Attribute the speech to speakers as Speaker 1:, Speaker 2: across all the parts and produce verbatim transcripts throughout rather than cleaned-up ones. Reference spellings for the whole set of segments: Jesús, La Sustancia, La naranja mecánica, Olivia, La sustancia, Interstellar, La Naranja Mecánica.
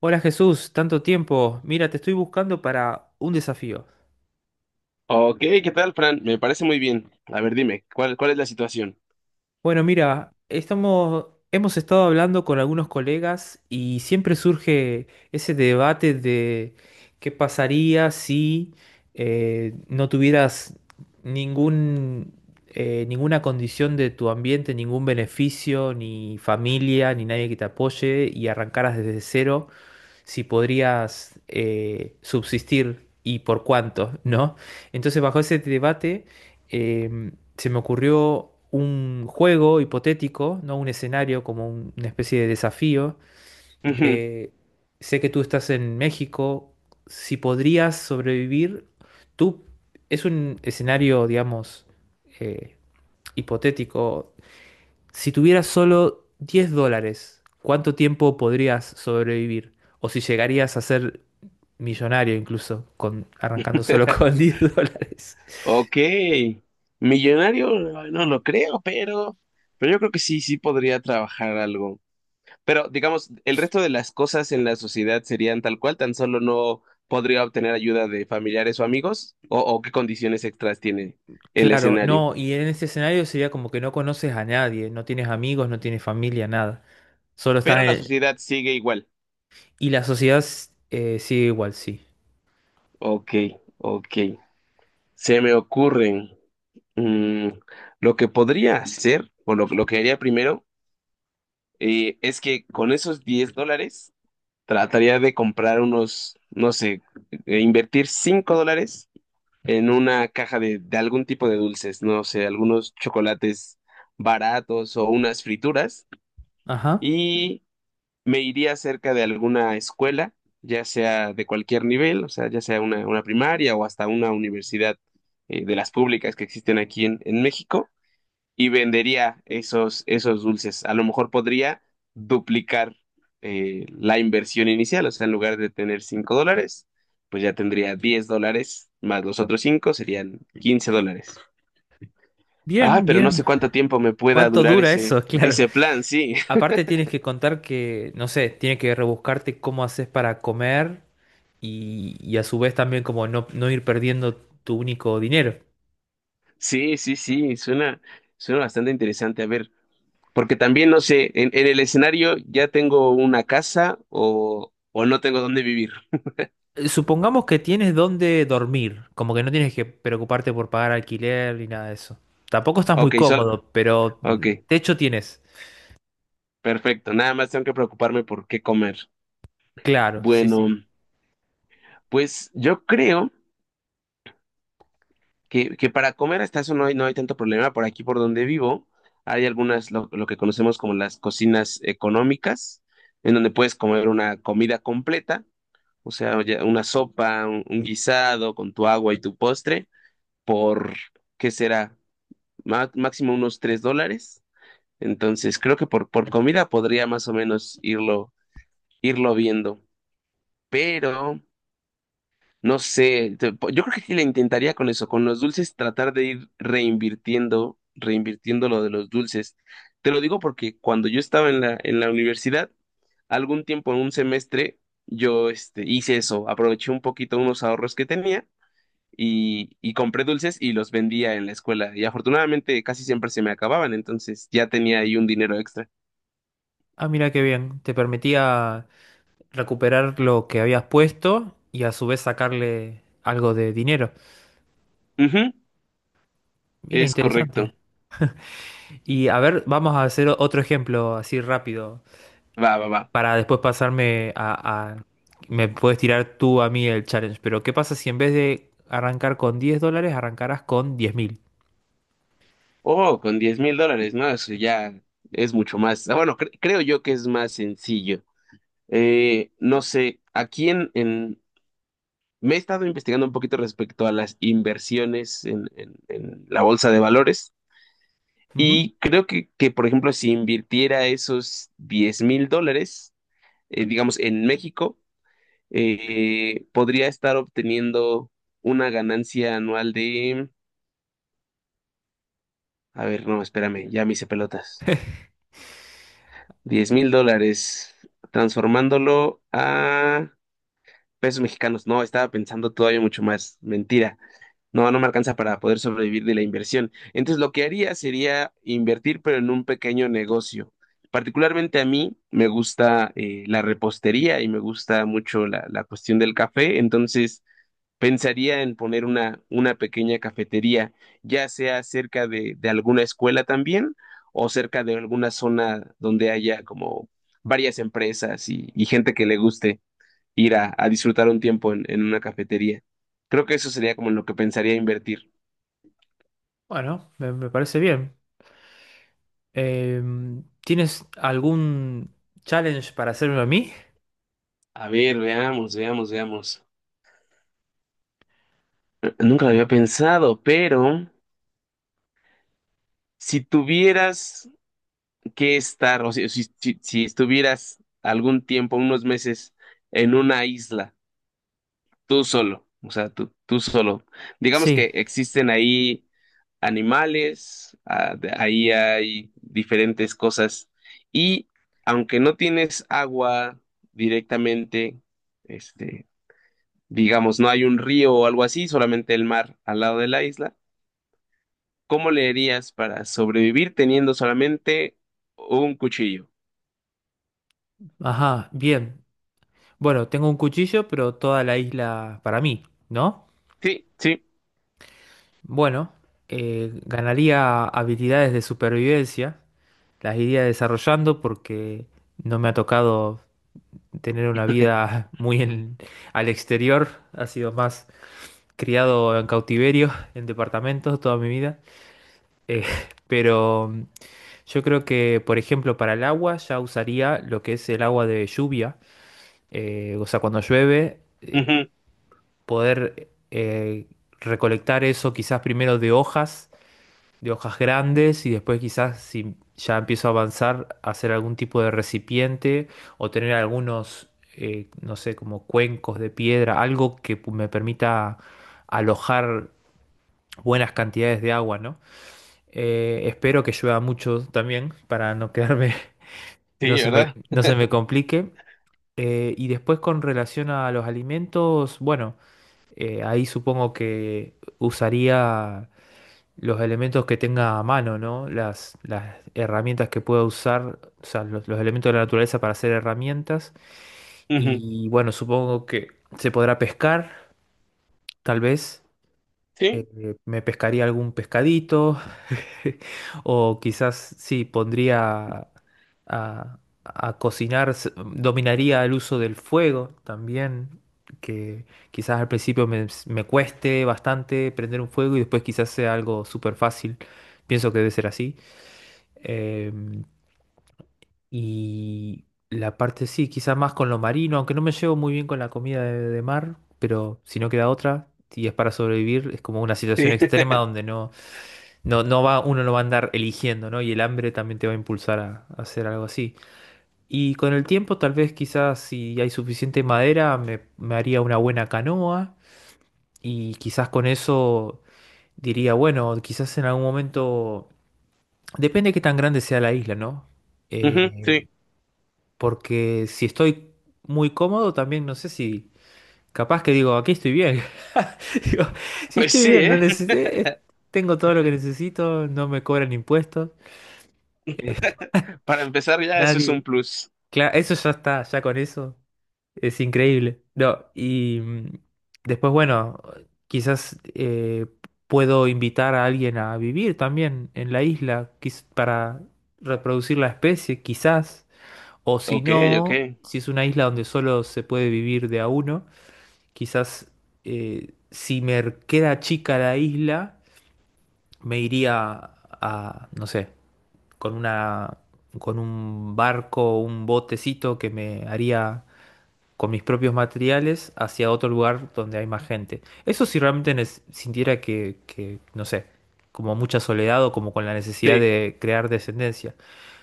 Speaker 1: Hola Jesús, tanto tiempo. Mira, te estoy buscando para un desafío.
Speaker 2: Ok, ¿qué tal, Fran? Me parece muy bien. A ver, dime, ¿cuál, cuál es la situación?
Speaker 1: Bueno, mira, estamos, hemos estado hablando con algunos colegas y siempre surge ese debate de qué pasaría si eh, no tuvieras ningún, eh, ninguna condición de tu ambiente, ningún beneficio, ni familia, ni nadie que te apoye y arrancaras desde cero. Si podrías eh, subsistir y por cuánto, ¿no? Entonces, bajo ese debate, eh, se me ocurrió un juego hipotético, ¿no? Un escenario como un- una especie de desafío
Speaker 2: Ujú.
Speaker 1: de, Sé que tú estás en México. Si podrías sobrevivir, tú, es un escenario, digamos, eh, hipotético, si tuvieras solo diez dólares, ¿cuánto tiempo podrías sobrevivir? O si llegarías a hacer millonario incluso, con, arrancando solo con diez dólares.
Speaker 2: Ok, millonario, no lo creo, pero, pero yo creo que sí, sí podría trabajar algo. Pero digamos, el resto de las cosas en la sociedad serían tal cual, tan solo no podría obtener ayuda de familiares o amigos, o, o qué condiciones extras tiene el
Speaker 1: Claro,
Speaker 2: escenario.
Speaker 1: no, y en ese escenario sería como que no conoces a nadie, no tienes amigos, no tienes familia, nada. Solo estás
Speaker 2: Pero la
Speaker 1: en.
Speaker 2: sociedad sigue igual.
Speaker 1: Y la sociedad s- eh, sigue igual, sí.
Speaker 2: Ok, ok. Se me ocurren. Mm, lo que podría hacer, o lo, lo que haría primero, eh, es que con esos diez dólares trataría de comprar unos, no sé, eh, invertir cinco dólares en una caja de, de algún tipo de dulces, no sé, algunos chocolates baratos o unas frituras,
Speaker 1: Ajá.
Speaker 2: y me iría cerca de alguna escuela, ya sea de cualquier nivel, o sea, ya sea una, una primaria o hasta una universidad, eh, de las públicas que existen aquí en en México, y vendería esos, esos dulces. A lo mejor podría duplicar eh, la inversión inicial, o sea, en lugar de tener cinco dólares, pues ya tendría diez dólares, más los otros cinco serían quince dólares. Ah,
Speaker 1: Bien,
Speaker 2: pero no sé
Speaker 1: bien.
Speaker 2: cuánto tiempo me pueda
Speaker 1: ¿Cuánto
Speaker 2: durar
Speaker 1: dura
Speaker 2: ese,
Speaker 1: eso? Claro.
Speaker 2: ese plan, sí.
Speaker 1: Aparte tienes que contar que, no sé, tienes que rebuscarte cómo haces para comer y, y a su vez también como no, no ir perdiendo tu único dinero.
Speaker 2: Sí, sí, sí, suena, suena, bastante interesante. A ver, porque también no sé, en, en el escenario ya tengo una casa o, o no tengo dónde vivir.
Speaker 1: eh, Supongamos que tienes dónde dormir, como que no tienes que preocuparte por pagar alquiler ni nada de eso. Tampoco estás muy
Speaker 2: Ok, sol,
Speaker 1: cómodo, pero
Speaker 2: ok.
Speaker 1: mm, techo tienes.
Speaker 2: Perfecto, nada más tengo que preocuparme por qué comer.
Speaker 1: Claro, sí,
Speaker 2: Bueno,
Speaker 1: sí.
Speaker 2: pues yo creo que, que para comer hasta eso no hay, no hay tanto problema. Por aquí, por donde vivo, hay algunas, lo, lo que conocemos como las cocinas económicas, en donde puedes comer una comida completa, o sea, ya una sopa, un, un guisado con tu agua y tu postre, por, ¿qué será? Má- máximo unos tres dólares. Entonces, creo que por, por comida podría más o menos irlo, irlo, viendo. Pero... No sé, te- po- yo creo que sí le intentaría con eso, con los dulces, tratar de ir reinvirtiendo, reinvirtiendo, lo de los dulces. Te lo digo porque cuando yo estaba en la, en la universidad, algún tiempo en un semestre, yo este, hice eso, aproveché un poquito unos ahorros que tenía y, y compré dulces y los vendía en la escuela. Y afortunadamente casi siempre se me acababan, entonces ya tenía ahí un dinero extra.
Speaker 1: Ah, mira qué bien. Te permitía recuperar lo que habías puesto y a su vez sacarle algo de dinero.
Speaker 2: Ujú,
Speaker 1: Mira,
Speaker 2: es
Speaker 1: interesante.
Speaker 2: correcto.
Speaker 1: Y a ver, vamos a hacer otro ejemplo así rápido
Speaker 2: Va, va, va.
Speaker 1: para después pasarme a, a- Me puedes tirar tú a mí el challenge, pero ¿qué pasa si en vez de arrancar con diez dólares, arrancarás con diez mil.
Speaker 2: Oh, con diez mil dólares, ¿no? Eso ya es mucho más. Ah, bueno, cre- creo yo que es más sencillo. Eh, no sé, aquí en, en... Me he estado investigando un poquito respecto a las inversiones en, en- en la bolsa de valores
Speaker 1: Ujú.
Speaker 2: y creo que, que, por ejemplo, si invirtiera esos diez mil dólares, eh, digamos, en México, eh, podría estar obteniendo una ganancia anual de... A ver, no, espérame, ya me hice pelotas. Diez mil dólares, transformándolo a pesos mexicanos. No, estaba pensando todavía mucho más. Mentira. No, no me alcanza para poder sobrevivir de la inversión. Entonces, lo que haría sería invertir, pero en un pequeño negocio. Particularmente a mí me gusta eh, la repostería y me gusta mucho la, la cuestión del café. Entonces, pensaría en poner una, una pequeña cafetería, ya sea cerca de, de alguna escuela también, o cerca de alguna zona donde haya como varias empresas y, y gente que le guste ir a, a disfrutar un tiempo en, en una cafetería. Creo que eso sería como en lo que pensaría invertir.
Speaker 1: Bueno, me, me parece bien. Em, ¿tienes algún challenge para hacerme a mí?
Speaker 2: A ver, veamos, veamos, veamos. Nunca lo había pensado, pero si tuvieras que estar, o si, si, si- si estuvieras algún tiempo, unos meses, en una isla, tú solo, o sea, tú, tú solo. Digamos
Speaker 1: Sí,
Speaker 2: que existen ahí animales, ah, de- ahí hay diferentes cosas y aunque no tienes agua directamente, este, digamos, no hay un río o algo así, solamente el mar al lado de la isla, ¿cómo le harías para sobrevivir teniendo solamente un cuchillo?
Speaker 1: ajá, bien. Bueno, tengo un cuchillo, pero toda la isla para mí, ¿no?
Speaker 2: Sí, sí,
Speaker 1: Bueno, eh, ganaría habilidades de supervivencia, las iría desarrollando porque no me ha tocado tener una vida muy en- al exterior, ha sido más criado en cautiverio, en departamentos toda mi vida. Eh, pero yo creo que, por ejemplo, para el agua ya usaría lo que es el agua de lluvia, eh, o sea, cuando llueve, eh,
Speaker 2: ujú,
Speaker 1: poder eh, recolectar eso quizás primero de hojas, de hojas grandes, y después quizás si ya empiezo a avanzar, hacer algún tipo de recipiente o tener algunos, eh, no sé, como cuencos de piedra, algo que pu- me permita alojar buenas cantidades de agua, ¿no? Eh, espero que llueva mucho también para no quedarme. No
Speaker 2: sí,
Speaker 1: se me,
Speaker 2: ¿verdad?
Speaker 1: no se me complique. Eh, y después con relación a los alimentos, bueno, eh, ahí supongo que usaría los elementos que tenga a mano, ¿no? Las, las herramientas que pueda usar, o sea, los, los elementos de la naturaleza para hacer herramientas.
Speaker 2: Ujú,
Speaker 1: Y bueno, supongo que se podrá pescar, tal vez
Speaker 2: sí,
Speaker 1: eh, me pescaría algún pescadito, o quizás sí pondría a, a cocinar, s- dominaría el uso del fuego también, que quizás al principio me, me cueste bastante prender un fuego y después quizás sea algo súper fácil, pienso que debe ser así. Em, y la parte sí, quizás más con lo marino, aunque no me llevo muy bien con la comida de, de mar, pero si no queda otra. Y es para sobrevivir, es como una situación
Speaker 2: sí,
Speaker 1: extrema donde no no, no va, uno no va a andar eligiendo, ¿no? Y el hambre también te va a impulsar a, a hacer algo así. Y con el tiempo, tal vez quizás si hay suficiente madera, me, me haría una buena canoa. Y quizás con eso diría, bueno, quizás en algún momento. Depende de qué tan grande sea la isla, ¿no?
Speaker 2: ujú,
Speaker 1: Eh,
Speaker 2: sí.
Speaker 1: porque si estoy muy cómodo, también no sé si. Capaz que digo, aquí estoy bien. Digo, si
Speaker 2: Pues
Speaker 1: estoy
Speaker 2: sí,
Speaker 1: bien, no
Speaker 2: ¿eh?
Speaker 1: necesito. Tengo todo lo que necesito, no me cobran impuestos. eh,
Speaker 2: Para empezar ya eso es
Speaker 1: nadie.
Speaker 2: un plus.
Speaker 1: Claro, eso ya está, ya con eso es increíble. No, y mm, después, bueno, quizás eh, puedo invitar a alguien a vivir también en la isla quiz- para reproducir la especie, quizás. O si
Speaker 2: Ok, ok.
Speaker 1: no, si es una isla donde solo se puede vivir de a uno, quizás eh, si me queda chica la isla, me iría a, no sé, con una, con un barco, un botecito que me haría con mis propios materiales hacia otro lugar donde hay más gente. Eso si realmente nes- sintiera que, que, no sé, como mucha soledad o como con la necesidad
Speaker 2: Sí.
Speaker 1: de crear descendencia.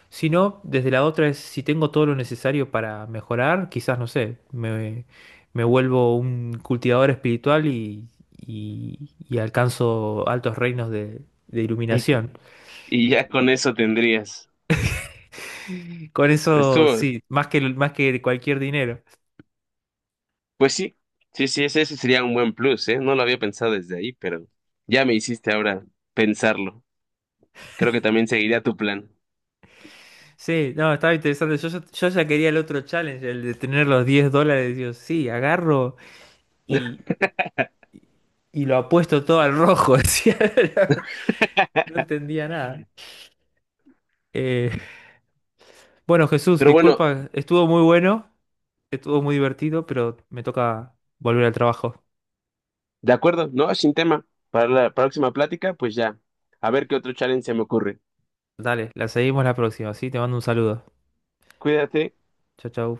Speaker 1: Si no, desde la otra es si tengo todo lo necesario para mejorar, quizás, no sé, me, me vuelvo un cultivador espiritual y, y- y alcanzo altos reinos de, de iluminación.
Speaker 2: Y ya con eso tendrías.
Speaker 1: Con eso,
Speaker 2: Estuvo.
Speaker 1: sí, más que, más que cualquier dinero.
Speaker 2: Pues sí. Sí, sí, ese, ese sería un buen plus, ¿eh? No lo había pensado desde ahí, pero ya me hiciste ahora pensarlo. Creo que también seguiría tu plan.
Speaker 1: Sí, no, estaba interesante. Yo, ya yo ya quería el otro challenge, el de tener los diez dólares. Digo, sí, agarro y, y lo apuesto todo al rojo. decía. No entendía nada. Eh, bueno, Jesús,
Speaker 2: Pero bueno,
Speaker 1: disculpa, estuvo muy bueno, estuvo muy divertido, pero me toca volver al trabajo.
Speaker 2: de acuerdo, ¿no? Sin tema. Para la próxima plática, pues ya. A ver qué otro challenge se me ocurre.
Speaker 1: Dale, la seguimos la próxima, ¿sí? Te mando un saludo.
Speaker 2: Cuídate.
Speaker 1: Chau, chau.